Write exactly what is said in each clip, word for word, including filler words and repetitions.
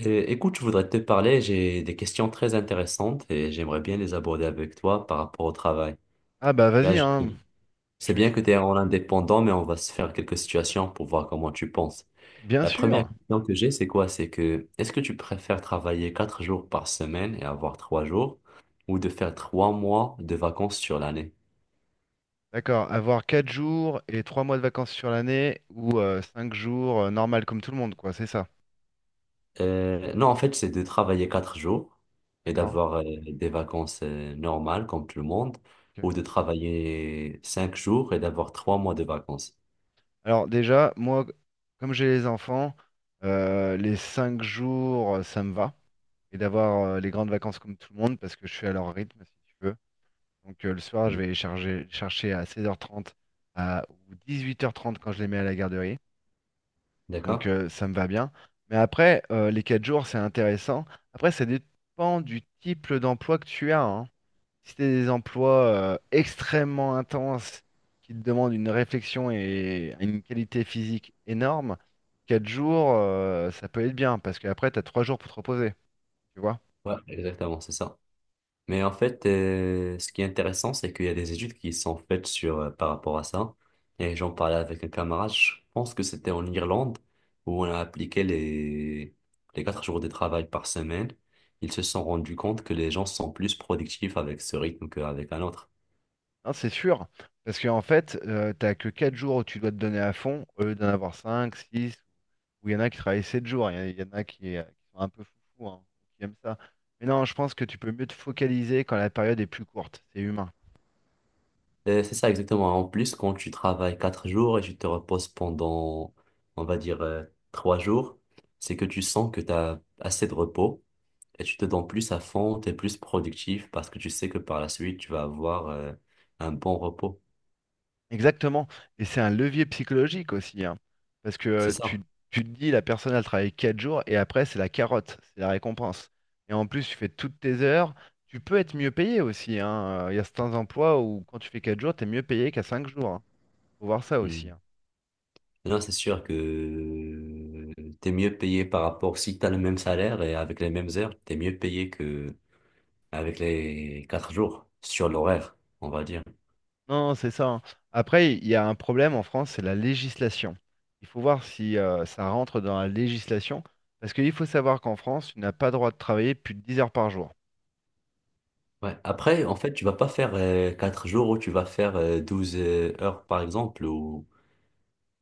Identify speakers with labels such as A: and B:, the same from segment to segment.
A: Euh, Écoute, je voudrais te parler, j'ai des questions très intéressantes et j'aimerais bien les aborder avec toi par rapport au travail.
B: Ah bah
A: Tu vois,
B: vas-y,
A: je-
B: hein. Je
A: c'est
B: suis
A: bien
B: tout-
A: que tu es en indépendant, mais on va se faire quelques situations pour voir comment tu penses.
B: bien
A: La première
B: sûr.
A: question que j'ai, c'est quoi? C'est que est-ce que tu préfères travailler quatre jours par semaine et avoir trois jours ou de faire trois mois de vacances sur l'année?
B: D'accord. Avoir quatre jours et trois mois de vacances sur l'année ou euh, cinq jours euh, normal comme tout le monde, quoi. C'est ça.
A: Euh, non, en fait, c'est de travailler quatre jours et
B: D'accord.
A: d'avoir euh, des vacances euh, normales comme tout le monde,
B: Ok.
A: ou de travailler cinq jours et d'avoir trois mois de vacances.
B: Alors déjà, moi, comme j'ai les enfants, euh, les cinq jours, euh, ça me va. Et d'avoir euh, les grandes vacances comme tout le monde parce que je suis à leur rythme, si tu veux. Donc euh, le soir, je
A: Mm.
B: vais les charger- chercher à seize heures trente à, ou huit heures trente quand je les mets à la garderie. Donc
A: D'accord?
B: euh, ça me va bien. Mais après, euh, les quatre jours, c'est intéressant. Après, ça dépend du type d'emploi que tu as, hein. Si tu des emplois euh, extrêmement intenses qui te demandent une réflexion et une qualité physique énorme, quatre jours, euh, ça peut être bien parce qu'après, tu as trois jours pour te reposer. Tu vois?
A: Ouais, exactement, c'est ça. Mais en fait, euh, ce qui est intéressant, c'est qu'il y a des études qui sont faites sur, euh, par rapport à ça. Et j'en parlais avec un camarade, je pense que c'était en Irlande, où on a appliqué les, les quatre jours de travail par semaine. Ils se sont rendus compte que les gens sont plus productifs avec ce rythme qu'avec un autre.
B: Non, c'est sûr. Parce qu'en fait, tu t'as que quatre jours où tu dois te donner à fond au lieu d'en avoir cinq, six. Où il y en a qui travaillent sept jours, il y en a il y en a qui, euh, qui sont un peu foufous, hein, qui aiment ça. Mais non, je pense que tu peux mieux te focaliser quand la période est plus courte, c'est humain.
A: Euh, c'est ça exactement. En plus, quand tu travailles quatre jours et tu te reposes pendant, on va dire, euh, trois jours, c'est que tu sens que tu as assez de repos et tu te donnes plus à fond, tu es plus productif parce que tu sais que par la suite, tu vas avoir euh, un bon repos.
B: Exactement, et c'est un levier psychologique aussi, hein, parce que
A: C'est
B: euh,
A: ça.
B: tu, tu te dis, la personne, elle travaille quatre jours, et après, c'est la carotte, c'est la récompense. Et en plus, tu fais toutes tes heures, tu peux être mieux payé aussi, hein. Euh, Il y a certains emplois où quand tu fais quatre jours, tu es mieux payé qu'à cinq jours, hein. Faut voir ça aussi,
A: Mm.
B: hein.
A: Là, c'est sûr que tu es mieux payé par rapport, si tu as le même salaire et avec les mêmes heures, tu es mieux payé que avec les quatre jours sur l'horaire, on va dire.
B: Non, c'est ça, hein. Après, il y a un problème en France, c'est la législation. Il faut voir si euh, ça rentre dans la législation, parce qu'il faut savoir qu'en France, tu n'as pas droit de travailler plus de dix heures par jour.
A: Ouais.
B: Hein.
A: Après, en fait, tu vas pas faire euh, quatre jours ou tu vas faire euh, douze euh, heures, par exemple. Ou...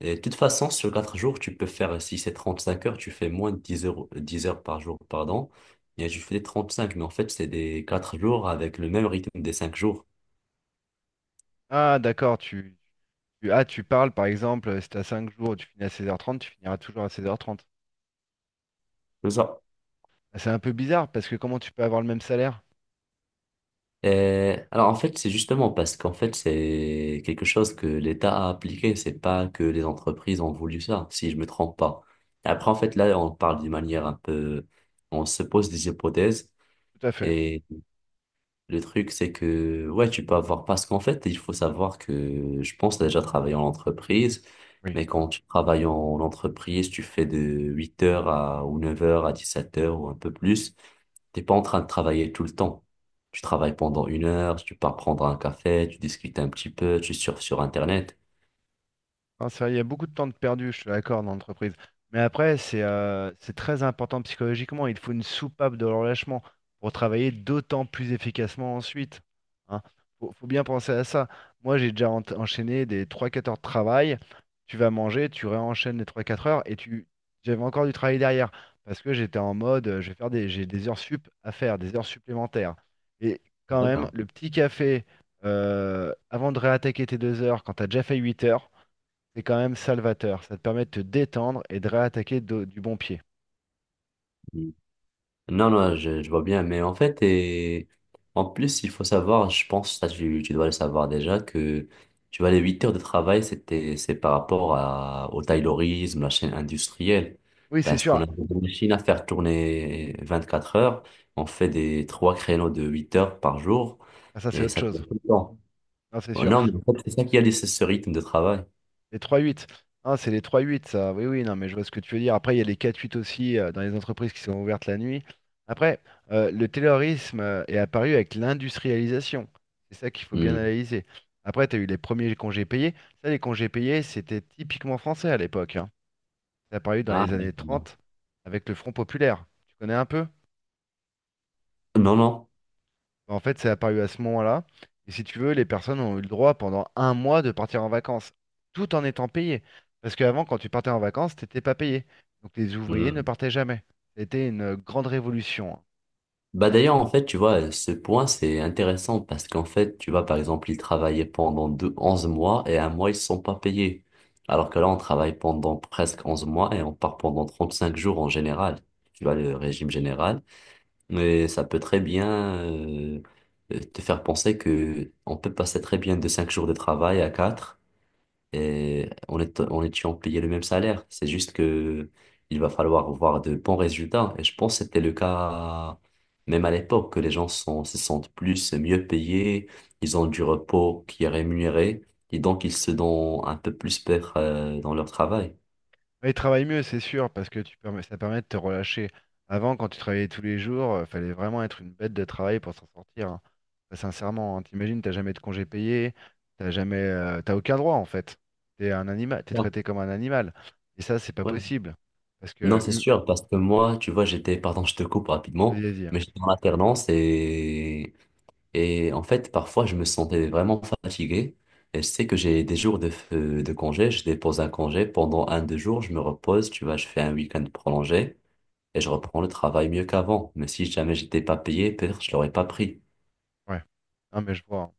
A: Et de toute façon, sur quatre jours, tu peux faire, euh, si c'est trente cinq heures, tu fais moins de dix heures, dix heures par jour, pardon. Et tu fais trente cinq mais en fait, c'est des quatre jours avec le même rythme des cinq jours.
B: Ah, d'accord, tu, tu- ah, tu parles par exemple, si tu as cinq jours, tu finis à seize heures trente, tu finiras toujours à seize heures trente.
A: C'est ça.
B: Ah, C'est un peu bizarre, parce que comment tu peux avoir le même salaire?
A: Et alors, en fait, c'est justement parce qu'en fait, c'est quelque chose que l'État a appliqué. C'est pas que les entreprises ont voulu ça, si je me trompe pas. Après, en fait, là, on parle d'une manière un peu... On se pose des hypothèses.
B: Tout à fait.
A: et Le truc, c'est que, ouais, tu peux avoir, parce qu'en fait, il faut savoir que je pense déjà travailler en entreprise,
B: Oui.
A: mais quand tu travailles en entreprise, tu fais de huit heures à, ou neuf heures à dix sept heures ou un peu plus, t'es pas en train de travailler tout le temps. Tu travailles pendant une heure, tu pars prendre un café, tu discutes un petit peu, tu surfes sur Internet.
B: Non, c'est vrai, il y a beaucoup de temps de perdu, je suis d'accord, dans l'entreprise. Mais après, c'est euh, c'est très important psychologiquement. Il faut une soupape de relâchement pour travailler d'autant plus efficacement ensuite. Hein. Faut, faut bien penser à ça. Moi, j'ai déjà en- enchaîné des trois quatre heures de travail. Tu vas manger, tu réenchaînes les trois quatre heures et tu j'avais encore du travail derrière parce que j'étais en mode, euh, je vais faire des, j'ai des heures sup à faire, des heures supplémentaires. Et quand même,
A: D'accord.
B: le petit café euh, avant de réattaquer tes deux heures, quand tu as déjà fait huit heures, c'est quand même salvateur. Ça te permet de te détendre et de réattaquer do- du bon pied.
A: Non, non, je, je vois bien, mais en fait, et en plus, il faut savoir, je pense, ça, tu, tu dois le savoir déjà, que tu vois, les huit heures de travail, c'était, c'est par rapport à, au taylorisme, la chaîne industrielle.
B: Oui, c'est
A: Parce qu'on
B: sûr.
A: a des machines à faire tourner vingt-quatre heures, on fait des trois créneaux de huit heures par jour,
B: Ah, ça, c'est
A: et
B: autre
A: ça
B: chose.
A: tourne tout le temps.
B: Non, c'est
A: Oh,
B: sûr.
A: non, mais en fait, c'est ça qui a laissé ce rythme de travail.
B: Les trois huit. Ah, c'est les trois huit, ça. Oui, oui, non, mais je vois ce que tu veux dire. Après, il y a les quatre huit aussi euh, dans les entreprises qui sont ouvertes la nuit. Après, euh, le terrorisme euh, est apparu avec l'industrialisation. C'est ça qu'il faut bien
A: Hmm.
B: analyser. Après, tu as eu les premiers congés payés. Ça, les congés payés, c'était typiquement français à l'époque, hein. C'est apparu dans
A: Ah,
B: les années
A: d'accord.
B: trente avec le Front populaire. Tu connais un peu?
A: Non, non.
B: En fait, c'est apparu à ce moment-là. Et si tu veux, les personnes ont eu le droit pendant un mois de partir en vacances, tout en étant payées. Parce qu'avant, quand tu partais en vacances, t'étais pas payé. Donc les ouvriers ne
A: Hmm.
B: partaient jamais. C'était une grande révolution, hein.
A: Bah d'ailleurs, en fait, tu vois, ce point, c'est intéressant parce qu'en fait, tu vois, par exemple, ils travaillaient pendant deux, onze mois et un mois, ils ne sont pas payés. Alors que là, on travaille pendant presque onze mois et on part pendant trente cinq jours en général. Tu vois, le régime général. Mais ça peut très bien euh, te faire penser que on peut passer très bien de cinq jours de travail à quatre et en étant, en étant payé le même salaire. C'est juste que il va falloir voir de bons résultats. Et je pense que c'était le cas même à l'époque, que les gens sont, se sentent plus mieux payés, ils ont du repos qui est rémunéré, et donc ils se donnent un peu plus peur euh, dans leur travail.
B: Et Ils travaillent mieux, c'est sûr, parce que tu permets- ça permet de te relâcher. Avant, quand tu travaillais tous les jours, il fallait vraiment être une bête de travail pour s'en sortir, hein. Bah, sincèrement, hein, t'imagines, t'as jamais de congé payé, t'as jamais, euh, t'as aucun droit en fait. T'es un animal, t'es
A: Ouais.
B: traité comme un animal. Et ça, c'est pas
A: Ouais.
B: possible. Parce
A: Non,
B: que
A: c'est
B: hu-
A: sûr, parce que moi, tu vois, j'étais, pardon, je te coupe rapidement,
B: Vas-y, hein.
A: mais j'étais en alternance et Et en fait, parfois, je me sentais vraiment fatigué. Et je sais que j'ai des jours de, f- euh, de congé. Je dépose un congé pendant un, deux jours. Je me repose. Tu vois, je fais un week-end prolongé et je reprends le travail mieux qu'avant. Mais si jamais j'étais pas payé, peut-être je l'aurais pas pris.
B: Ouais. Non, mais je vois, hein.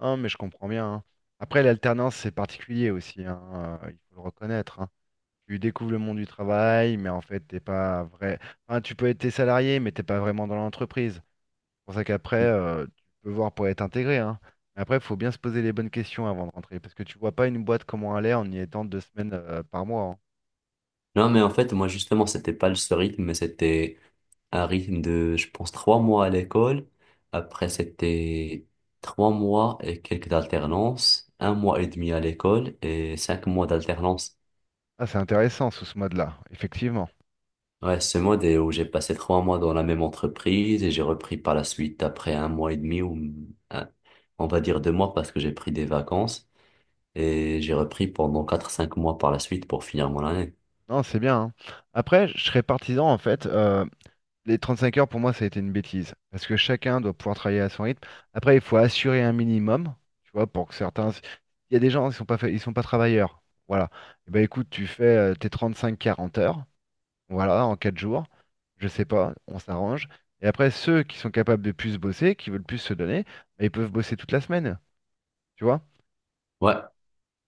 B: Non, mais je comprends bien, hein. Après, l'alternance, c'est particulier aussi, hein, euh, il faut le reconnaître, hein. Tu découvres le monde du travail, mais en fait, t'es pas vrai. Enfin, tu peux être tes salarié, mais t'es pas vraiment dans l'entreprise. C'est pour ça qu'après, euh, tu peux voir pour être intégré, hein. Mais après, il faut bien se poser les bonnes questions avant de rentrer, parce que tu vois pas une boîte comment elle est en y étant deux semaines euh, par mois, hein.
A: Non, mais en fait, moi, justement, c'était pas ce rythme, mais c'était un rythme de, je pense, trois mois à l'école. Après, c'était trois mois et quelques alternances, un mois et demi à l'école et cinq mois d'alternance.
B: Ah, c'est intéressant sous ce mode-là, effectivement.
A: Ouais, ce mode est où j'ai passé trois mois dans la même entreprise et j'ai repris par la suite après un mois et demi ou un- on va dire deux mois parce que j'ai pris des vacances et j'ai repris pendant quatre, cinq mois par la suite pour finir mon année.
B: Non, c'est bien, hein. Après, je serais partisan en fait. euh, Les trente-cinq heures, pour moi, ça a été une bêtise. Parce que chacun doit pouvoir travailler à son rythme. Après, il faut assurer un minimum, tu vois, pour que certains. Il y a des gens, ils sont pas fait- ils sont pas travailleurs. Voilà. Eh ben écoute, tu fais euh, tes trente-cinq à quarante heures, voilà, en quatre jours. Je sais pas, on s'arrange. Et après, ceux qui sont capables de plus bosser, qui veulent plus se donner, ben, ils peuvent bosser toute la semaine. Tu vois?
A: Ouais,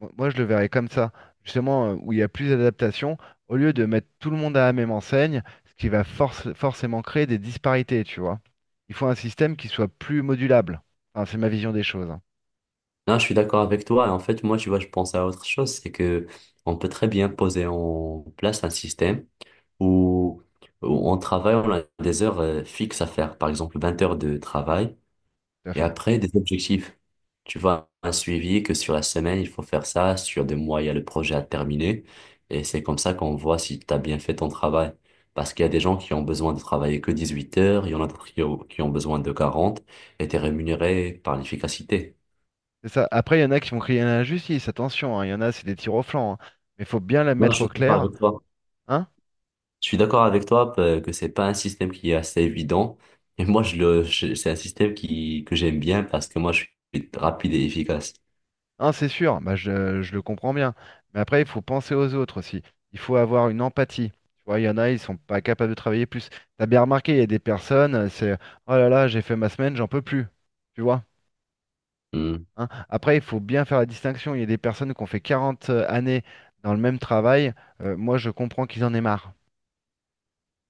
B: Mo- Moi, je le verrais comme ça, justement, euh, où il y a plus d'adaptation, au lieu de mettre tout le monde à la même enseigne, ce qui va forc- forcément créer des disparités, tu vois. Il faut un système qui soit plus modulable. Enfin, c'est ma vision des choses, hein,
A: non, je suis d'accord avec toi. En fait, moi, tu vois, je pense à autre chose, c'est que on peut très bien poser en place un système où, où on travaille, on a des heures euh, fixes à faire, par exemple vingt heures de travail.
B: tout à
A: Et
B: fait.
A: après, des objectifs. Tu vois, un suivi que sur la semaine, il faut faire ça, sur des mois, il y a le projet à terminer. Et c'est comme ça qu'on voit si tu as bien fait ton travail. Parce qu'il y a des gens qui ont besoin de travailler que dix-huit heures, il y en a d'autres qui ont qui ont besoin de quarante et tu es rémunéré par l'efficacité.
B: C'est ça. Après, il y en a qui vont crier à l'injustice, attention, hein, il y en a, c'est des tirs au flanc, hein. Mais il faut bien la
A: Non, je
B: mettre au
A: suis d'accord
B: clair,
A: avec toi.
B: hein.
A: Je suis d'accord avec toi euh, que c'est pas un système qui est assez évident. Et moi, je le, je- c'est un système qui, que j'aime bien parce que moi, je suis rapide et efficace.
B: Hein, c'est sûr, bah, je, je le comprends bien. Mais après, il faut penser aux autres aussi. Il faut avoir une empathie. Tu vois, il y en a, ils sont pas capables de travailler plus. T'as bien remarqué, il y a des personnes, euh, c'est oh là là, j'ai fait ma semaine, j'en peux plus. Tu vois?
A: Hmm.
B: Hein. Après, il faut bien faire la distinction. Il y a des personnes qui ont fait quarante euh, années dans le même travail. Euh, moi, je comprends qu'ils en aient marre,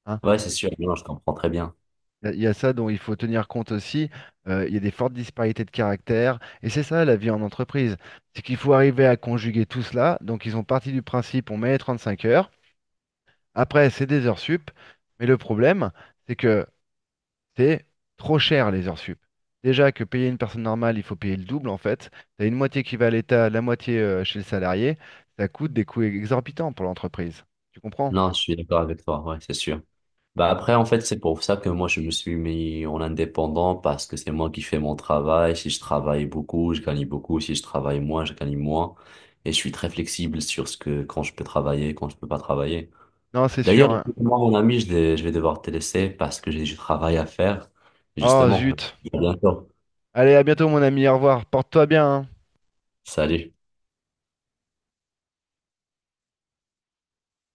B: hein.
A: Ouais, c'est sûr. Non, je comprends très bien.
B: Il y a il y a ça dont il faut tenir compte aussi. Euh, il y a des fortes disparités de caractère. Et c'est ça la vie en entreprise. C'est qu'il faut arriver à conjuguer tout cela. Donc ils ont parti du principe, on met les trente cinq heures. Après, c'est des heures sup. Mais le problème, c'est que c'est trop cher les heures sup. Déjà que payer une personne normale, il faut payer le double en fait. Tu as une moitié qui va à l'État, la moitié euh, chez le salarié. Ça coûte des coûts exorbitants pour l'entreprise. Tu comprends?
A: Non, je suis d'accord avec toi, ouais, c'est sûr. Bah
B: Donc,
A: après, en fait, c'est pour ça que moi, je me suis mis en indépendant parce que c'est moi qui fais mon travail. Si je travaille beaucoup, je gagne beaucoup. Si je travaille moins, je gagne moins. Et je suis très flexible sur ce que, quand je peux travailler, quand je peux pas travailler.
B: non, c'est sûr,
A: D'ailleurs,
B: hein.
A: moi, mon ami, je, vais- je vais devoir te laisser parce que j'ai du travail à faire.
B: Oh
A: Justement, à
B: zut.
A: bientôt.
B: Allez, à bientôt mon ami. Au revoir. Porte-toi bien, hein.
A: Salut.